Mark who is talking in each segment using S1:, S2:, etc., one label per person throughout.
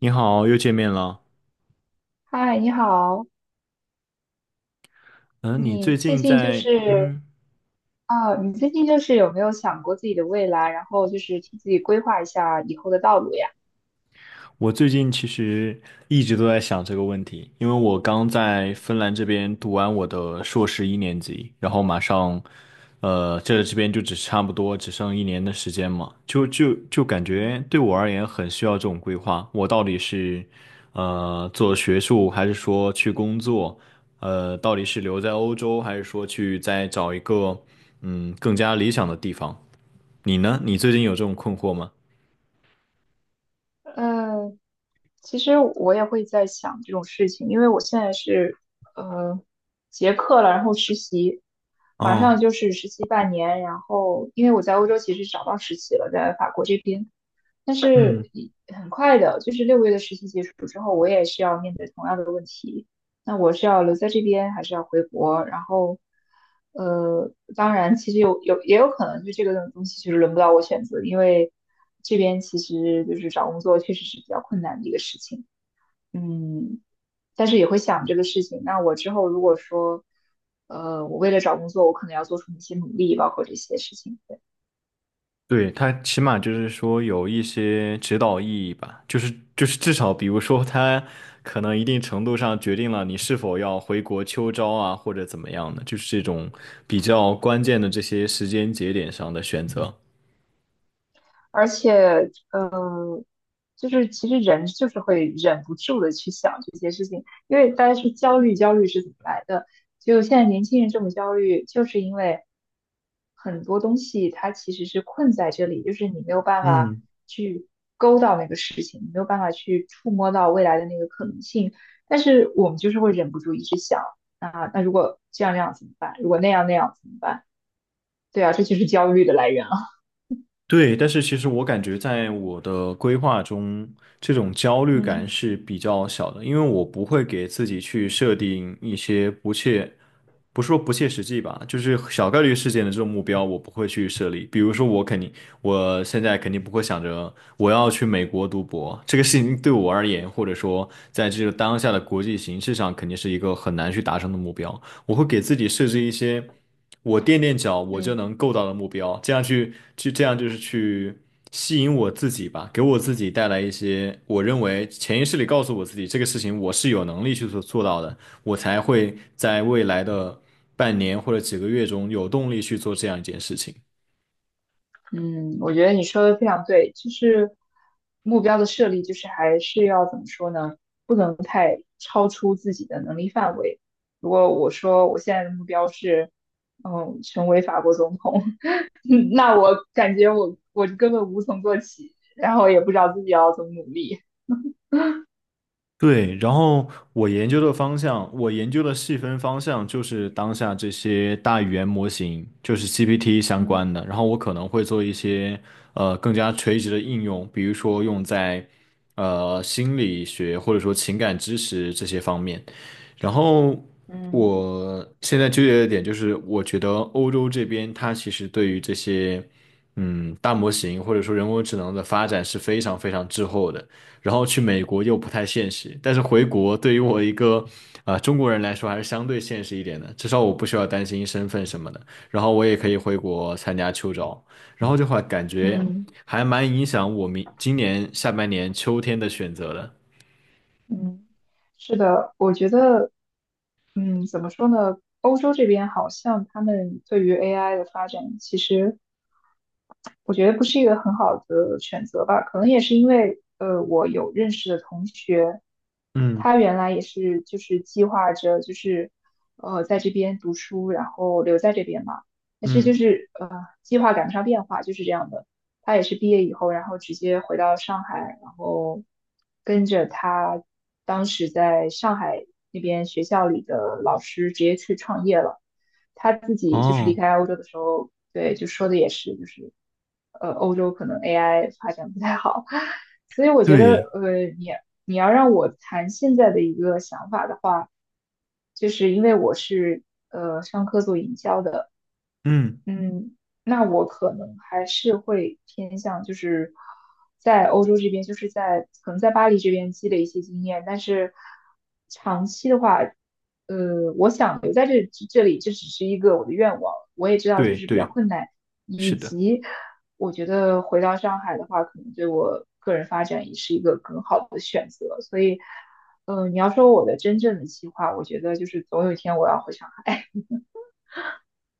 S1: 你好，又见面了。
S2: 嗨，你好，
S1: 嗯，你
S2: 你
S1: 最
S2: 最
S1: 近
S2: 近就
S1: 在……
S2: 是
S1: 嗯，
S2: 你最近就是有没有想过自己的未来，然后就是替自己规划一下以后的道路呀？
S1: 我最近其实一直都在想这个问题，因为我刚在芬兰这边读完我的硕士一年级，然后马上，这边就差不多只剩一年的时间嘛，就感
S2: 嗯
S1: 觉对我而言很需要这种规划。我到底是，做学术，还是说去工作？到底是留在欧洲，还是说去再找一个，更加理想的地方？你呢？你最近有这种困惑吗？
S2: 嗯,其实我也会在想这种事情，因为我现在是呃结课了，然后实习，马上
S1: 哦，
S2: 就是实习半年，然后因为我在欧洲其实找到实习了，在法国这边，但是
S1: 嗯，
S2: 一很快的，就是六个月的实习结束之后，我也是要面对同样的问题，那我是要留在这边，还是要回国？然后，当然，其实有也有可能，就这个东西其实轮不到我选择，因为这边其实就是找工作确实是比较困难的一个事情。嗯，但是也会想这个事情。那我之后如果说，我为了找工作，我可能要做出一些努力，包括这些事情。对，
S1: 对，他起码就是说有一些指导意义吧，就是至少比如说他可能一定程度上决定了你是否要回国秋招啊，或者怎么样的，就是这种比较关键的这些时间节点上的选择。
S2: 而且，嗯。就是其实人就是会忍不住的去想这些事情，因为大家说焦虑，焦虑是怎么来的？就现在年轻人这么焦虑，就是因为很多东西它其实是困在这里，就是你没有办法
S1: 嗯。
S2: 去勾到那个事情，你没有办法去触摸到未来的那个可能性，但是我们就是会忍不住一直想啊，那如果这样那样怎么办？如果那样那样怎么办？对啊，这就是焦虑的来源啊。
S1: 对，但是其实我感觉在我的规划中，这种焦虑感
S2: 嗯。
S1: 是比较小的，因为我不会给自己去设定一些不切，不是说不切实际吧，就是小概率事件的这种目标，我不会去设立。比如说，我肯定，我现在肯定不会想着我要去美国读博，这个事情对我而言，或者说在这个当下的国际形势上，肯定是一个很难去达成的目标。我会给自己设置一些我垫垫脚我就
S2: 嗯，
S1: 能够到的目标，这样就是去吸引我自己吧，给我自己带来一些我认为潜意识里告诉我自己这个事情我是有能力去做到的，我才会在未来的半年或者几个月中有动力去做这样一件事情。
S2: 嗯，我觉得你说的非常对，就是目标的设立，就是还是要怎么说呢？不能太超出自己的能力范围。如果我说我现在的目标是，嗯，成为法国总统，那我感觉我根本无从做起，然后也不知道自己要怎么努力。
S1: 对，然后我研究的方向，我研究的细分方向就是当下这些大语言模型，就是 GPT 相关
S2: 嗯
S1: 的。然后我可能会做一些更加垂直的应用，比如说用在心理学或者说情感知识这些方面。然后
S2: 嗯
S1: 我现在纠结的点就是，我觉得欧洲这边它其实对于这些大模型或者说人工智能的发展是非常非常滞后的。然后去美国又不太现实，但是回国对于我一个中国人来说还是相对现实一点的，至少我不需要担心身份什么的，然后我也可以回国参加秋招，然后这块感觉
S2: 嗯。
S1: 还蛮影响我明今年下半年秋天的选择的。
S2: 嗯，是的，我觉得，嗯，怎么说呢？欧洲这边好像他们对于 AI 的发展，其实我觉得不是一个很好的选择吧，可能也是因为，我有认识的同学，
S1: 嗯
S2: 他原来也是就是计划着就是，在这边读书，然后留在这边嘛，但是
S1: 嗯，
S2: 计划赶不上变化，就是这样的。他也是毕业以后，然后直接回到上海，然后跟着他当时在上海那边学校里的老师直接去创业了。他自己就是离
S1: 哦，
S2: 开欧洲的时候，对，就说的也是，就是,欧洲可能 AI 发展不太好，所以我觉得，
S1: 对
S2: 你要让我谈现在的一个想法的话，就是因为我是商科做营销的，
S1: 嗯。
S2: 嗯，那我可能还是会偏向就是在欧洲这边，就是在可能在巴黎这边积累一些经验，但是长期的话，我想留在这里，这只是一个我的愿望。我也知道就
S1: 对
S2: 是比较
S1: 对，
S2: 困难，以
S1: 是的。
S2: 及我觉得回到上海的话，可能对我个人发展也是一个更好的选择。所以，你要说我的真正的计划，我觉得就是总有一天我要回上海。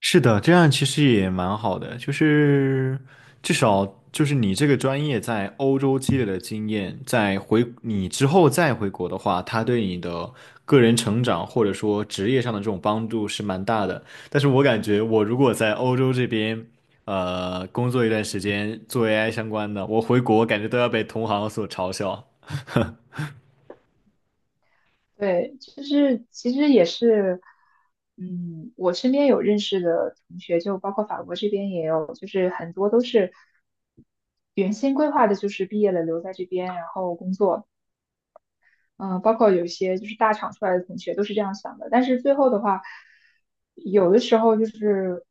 S1: 是的，这样其实也蛮好的，就是至少就是你这个专业在欧洲积累的经验，在回你之后再回国的话，它对你的个人成长或者说职业上的这种帮助是蛮大的。但是我感觉我如果在欧洲这边，呃，工作一段时间做 AI 相关的，我回国感觉都要被同行所嘲笑。
S2: 对，就是其实也是，嗯，我身边有认识的同学，就包括法国这边也有，就是很多都是原先规划的，就是毕业了留在这边，然后工作。包括有一些就是大厂出来的同学都是这样想的。但是最后的话，有的时候就是，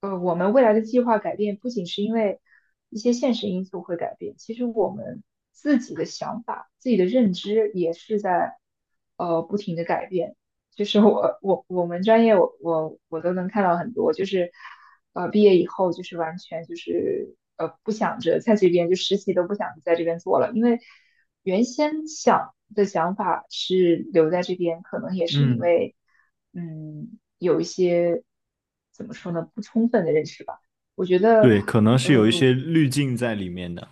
S2: 我们未来的计划改变，不仅是因为一些现实因素会改变，其实我们自己的想法、自己的认知也是在不停的改变。就是我们专业我都能看到很多，就是毕业以后就是完全就是不想着在这边就实习都不想在这边做了，因为原先想的想法是留在这边，可能也是因
S1: 嗯。
S2: 为嗯有一些怎么说呢不充分的认识吧。我觉得
S1: 对，可能是有一
S2: 呃
S1: 些滤镜在里面的。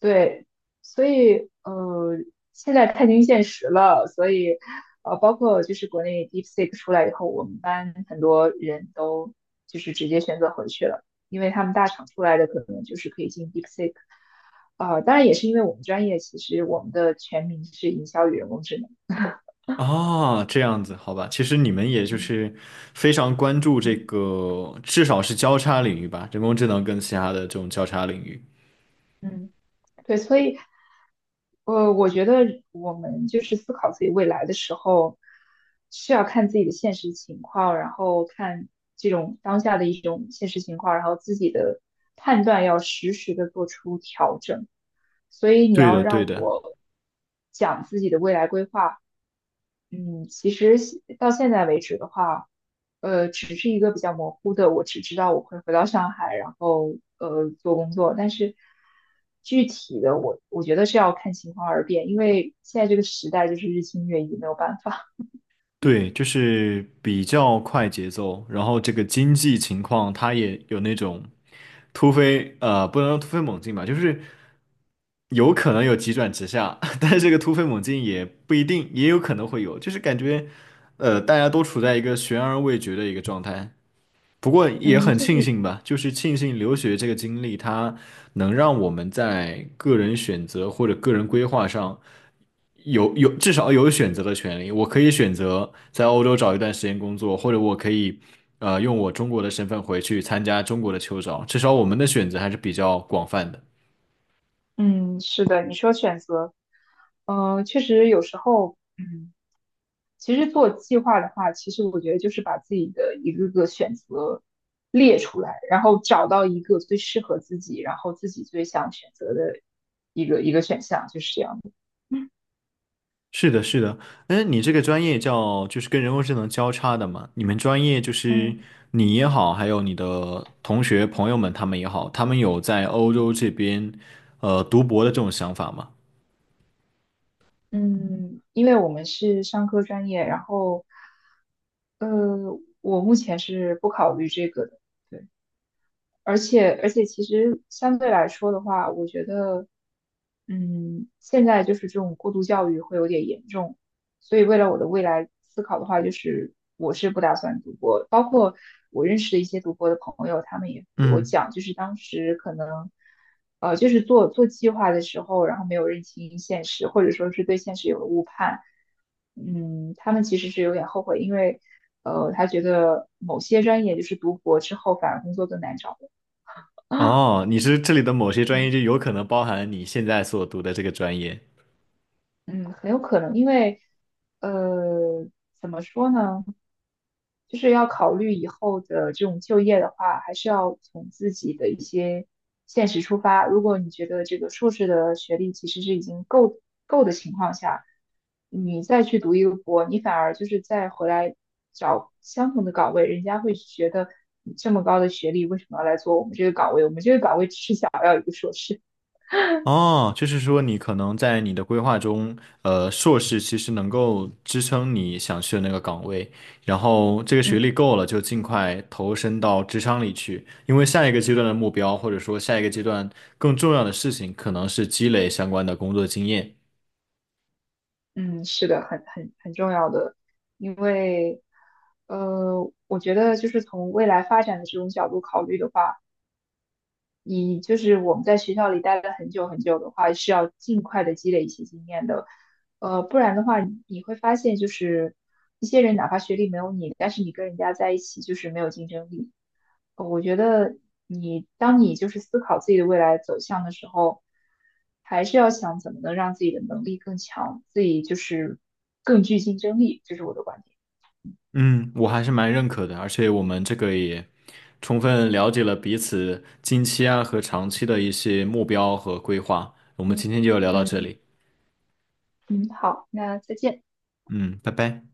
S2: 对，所以现在看清现实了，所以包括就是国内 DeepSeek 出来以后，我们班很多人都就是直接选择回去了，因为他们大厂出来的可能就是可以进 DeepSeek,当然也是因为我们专业其实我们的全名是营销与人工智能，
S1: 啊，这样子，好吧，其实你们也就
S2: 嗯。
S1: 是非常关注这
S2: 嗯
S1: 个，至少是交叉领域吧，人工智能跟其他的这种交叉领域。
S2: 嗯，对，所以。我觉得我们就是思考自己未来的时候，是要看自己的现实情况，然后看这种当下的一种现实情况，然后自己的判断要实时的做出调整。所以你
S1: 对
S2: 要
S1: 的，对
S2: 让
S1: 的，
S2: 我讲自己的未来规划，嗯，其实现到现在为止的话，只是一个比较模糊的，我只知道我会回到上海，然后做工作，但是具体的我觉得是要看情况而变，因为现在这个时代就是日新月异，没有办法。
S1: 对，就是比较快节奏，然后这个经济情况它也有那种突飞，呃，不能说突飞猛进吧，就是有可能有急转直下，但是这个突飞猛进也不一定，也有可能会有，就是感觉，呃，大家都处在一个悬而未决的一个状态。不过 也
S2: 嗯，
S1: 很
S2: 就
S1: 庆
S2: 是
S1: 幸吧，就是庆幸留学这个经历，它能让我们在个人选择或者个人规划上有至少有选择的权利。我可以选择在欧洲找一段时间工作，或者我可以用我中国的身份回去参加中国的秋招。至少我们的选择还是比较广泛的。
S2: 嗯，是的，你说选择，嗯，确实有时候，嗯。其实做计划的话，其实我觉得就是把自己的一个个选择列出来，然后找到一个最适合自己，然后自己最想选择的一个一个选项，就是这样的。
S1: 是的，是的，嗯，你这个专业叫就是跟人工智能交叉的嘛？你们专业就是
S2: 嗯。
S1: 你也好，还有你的同学朋友们他们也好，他们有在欧洲这边读博的这种想法吗？
S2: 嗯，因为我们是商科专业，然后呃，我目前是不考虑这个的。对。而且其实相对来说的话，我觉得，嗯，现在就是这种过度教育会有点严重，所以为了我的未来思考的话，就是我是不打算读博。包括我认识的一些读博的朋友，他们也给我
S1: 嗯，
S2: 讲，就是当时可能，就是做计划的时候，然后没有认清现实，或者说是对现实有了误判，嗯，他们其实是有点后悔，因为。他觉得某些专业就是读博之后反而工作更难找，啊，
S1: 哦，你是这里的某些专业
S2: 嗯
S1: 就有可能包含你现在所读的这个专业。
S2: 嗯，很有可能，因为呃，怎么说呢，就是要考虑以后的这种就业的话，还是要从自己的一些现实出发。如果你觉得这个硕士的学历其实是已经够的情况下，你再去读一个博，你反而就是再回来找相同的岗位，人家会觉得你这么高的学历，为什么要来做我们这个岗位？我们这个岗位只是想要一个硕士。
S1: 哦，就是说你可能在你的规划中，呃，硕士其实能够支撑你想去的那个岗位，然后这个 学
S2: 嗯。
S1: 历够了，就尽快投身到职场里去，因为下一个阶段的目标，或者说下一个阶段更重要的事情，可能是积累相关的工作经验。
S2: 嗯，是的，很重要的，因为，我觉得就是从未来发展的这种角度考虑的话，你就是我们在学校里待了很久很久的话，是要尽快的积累一些经验的，不然的话你会发现就是一些人哪怕学历没有你，但是你跟人家在一起就是没有竞争力。我觉得当你就是思考自己的未来走向的时候，还是要想怎么能让自己的能力更强，自己就是更具竞争力，这是我的观点。
S1: 嗯，我还是蛮认可的，而且我们这个也充分了解了彼此近期啊和长期的一些目标和规划。我们今
S2: 嗯。
S1: 天就聊到这
S2: 嗯，
S1: 里，
S2: 嗯，好，那再见。
S1: 嗯，拜拜。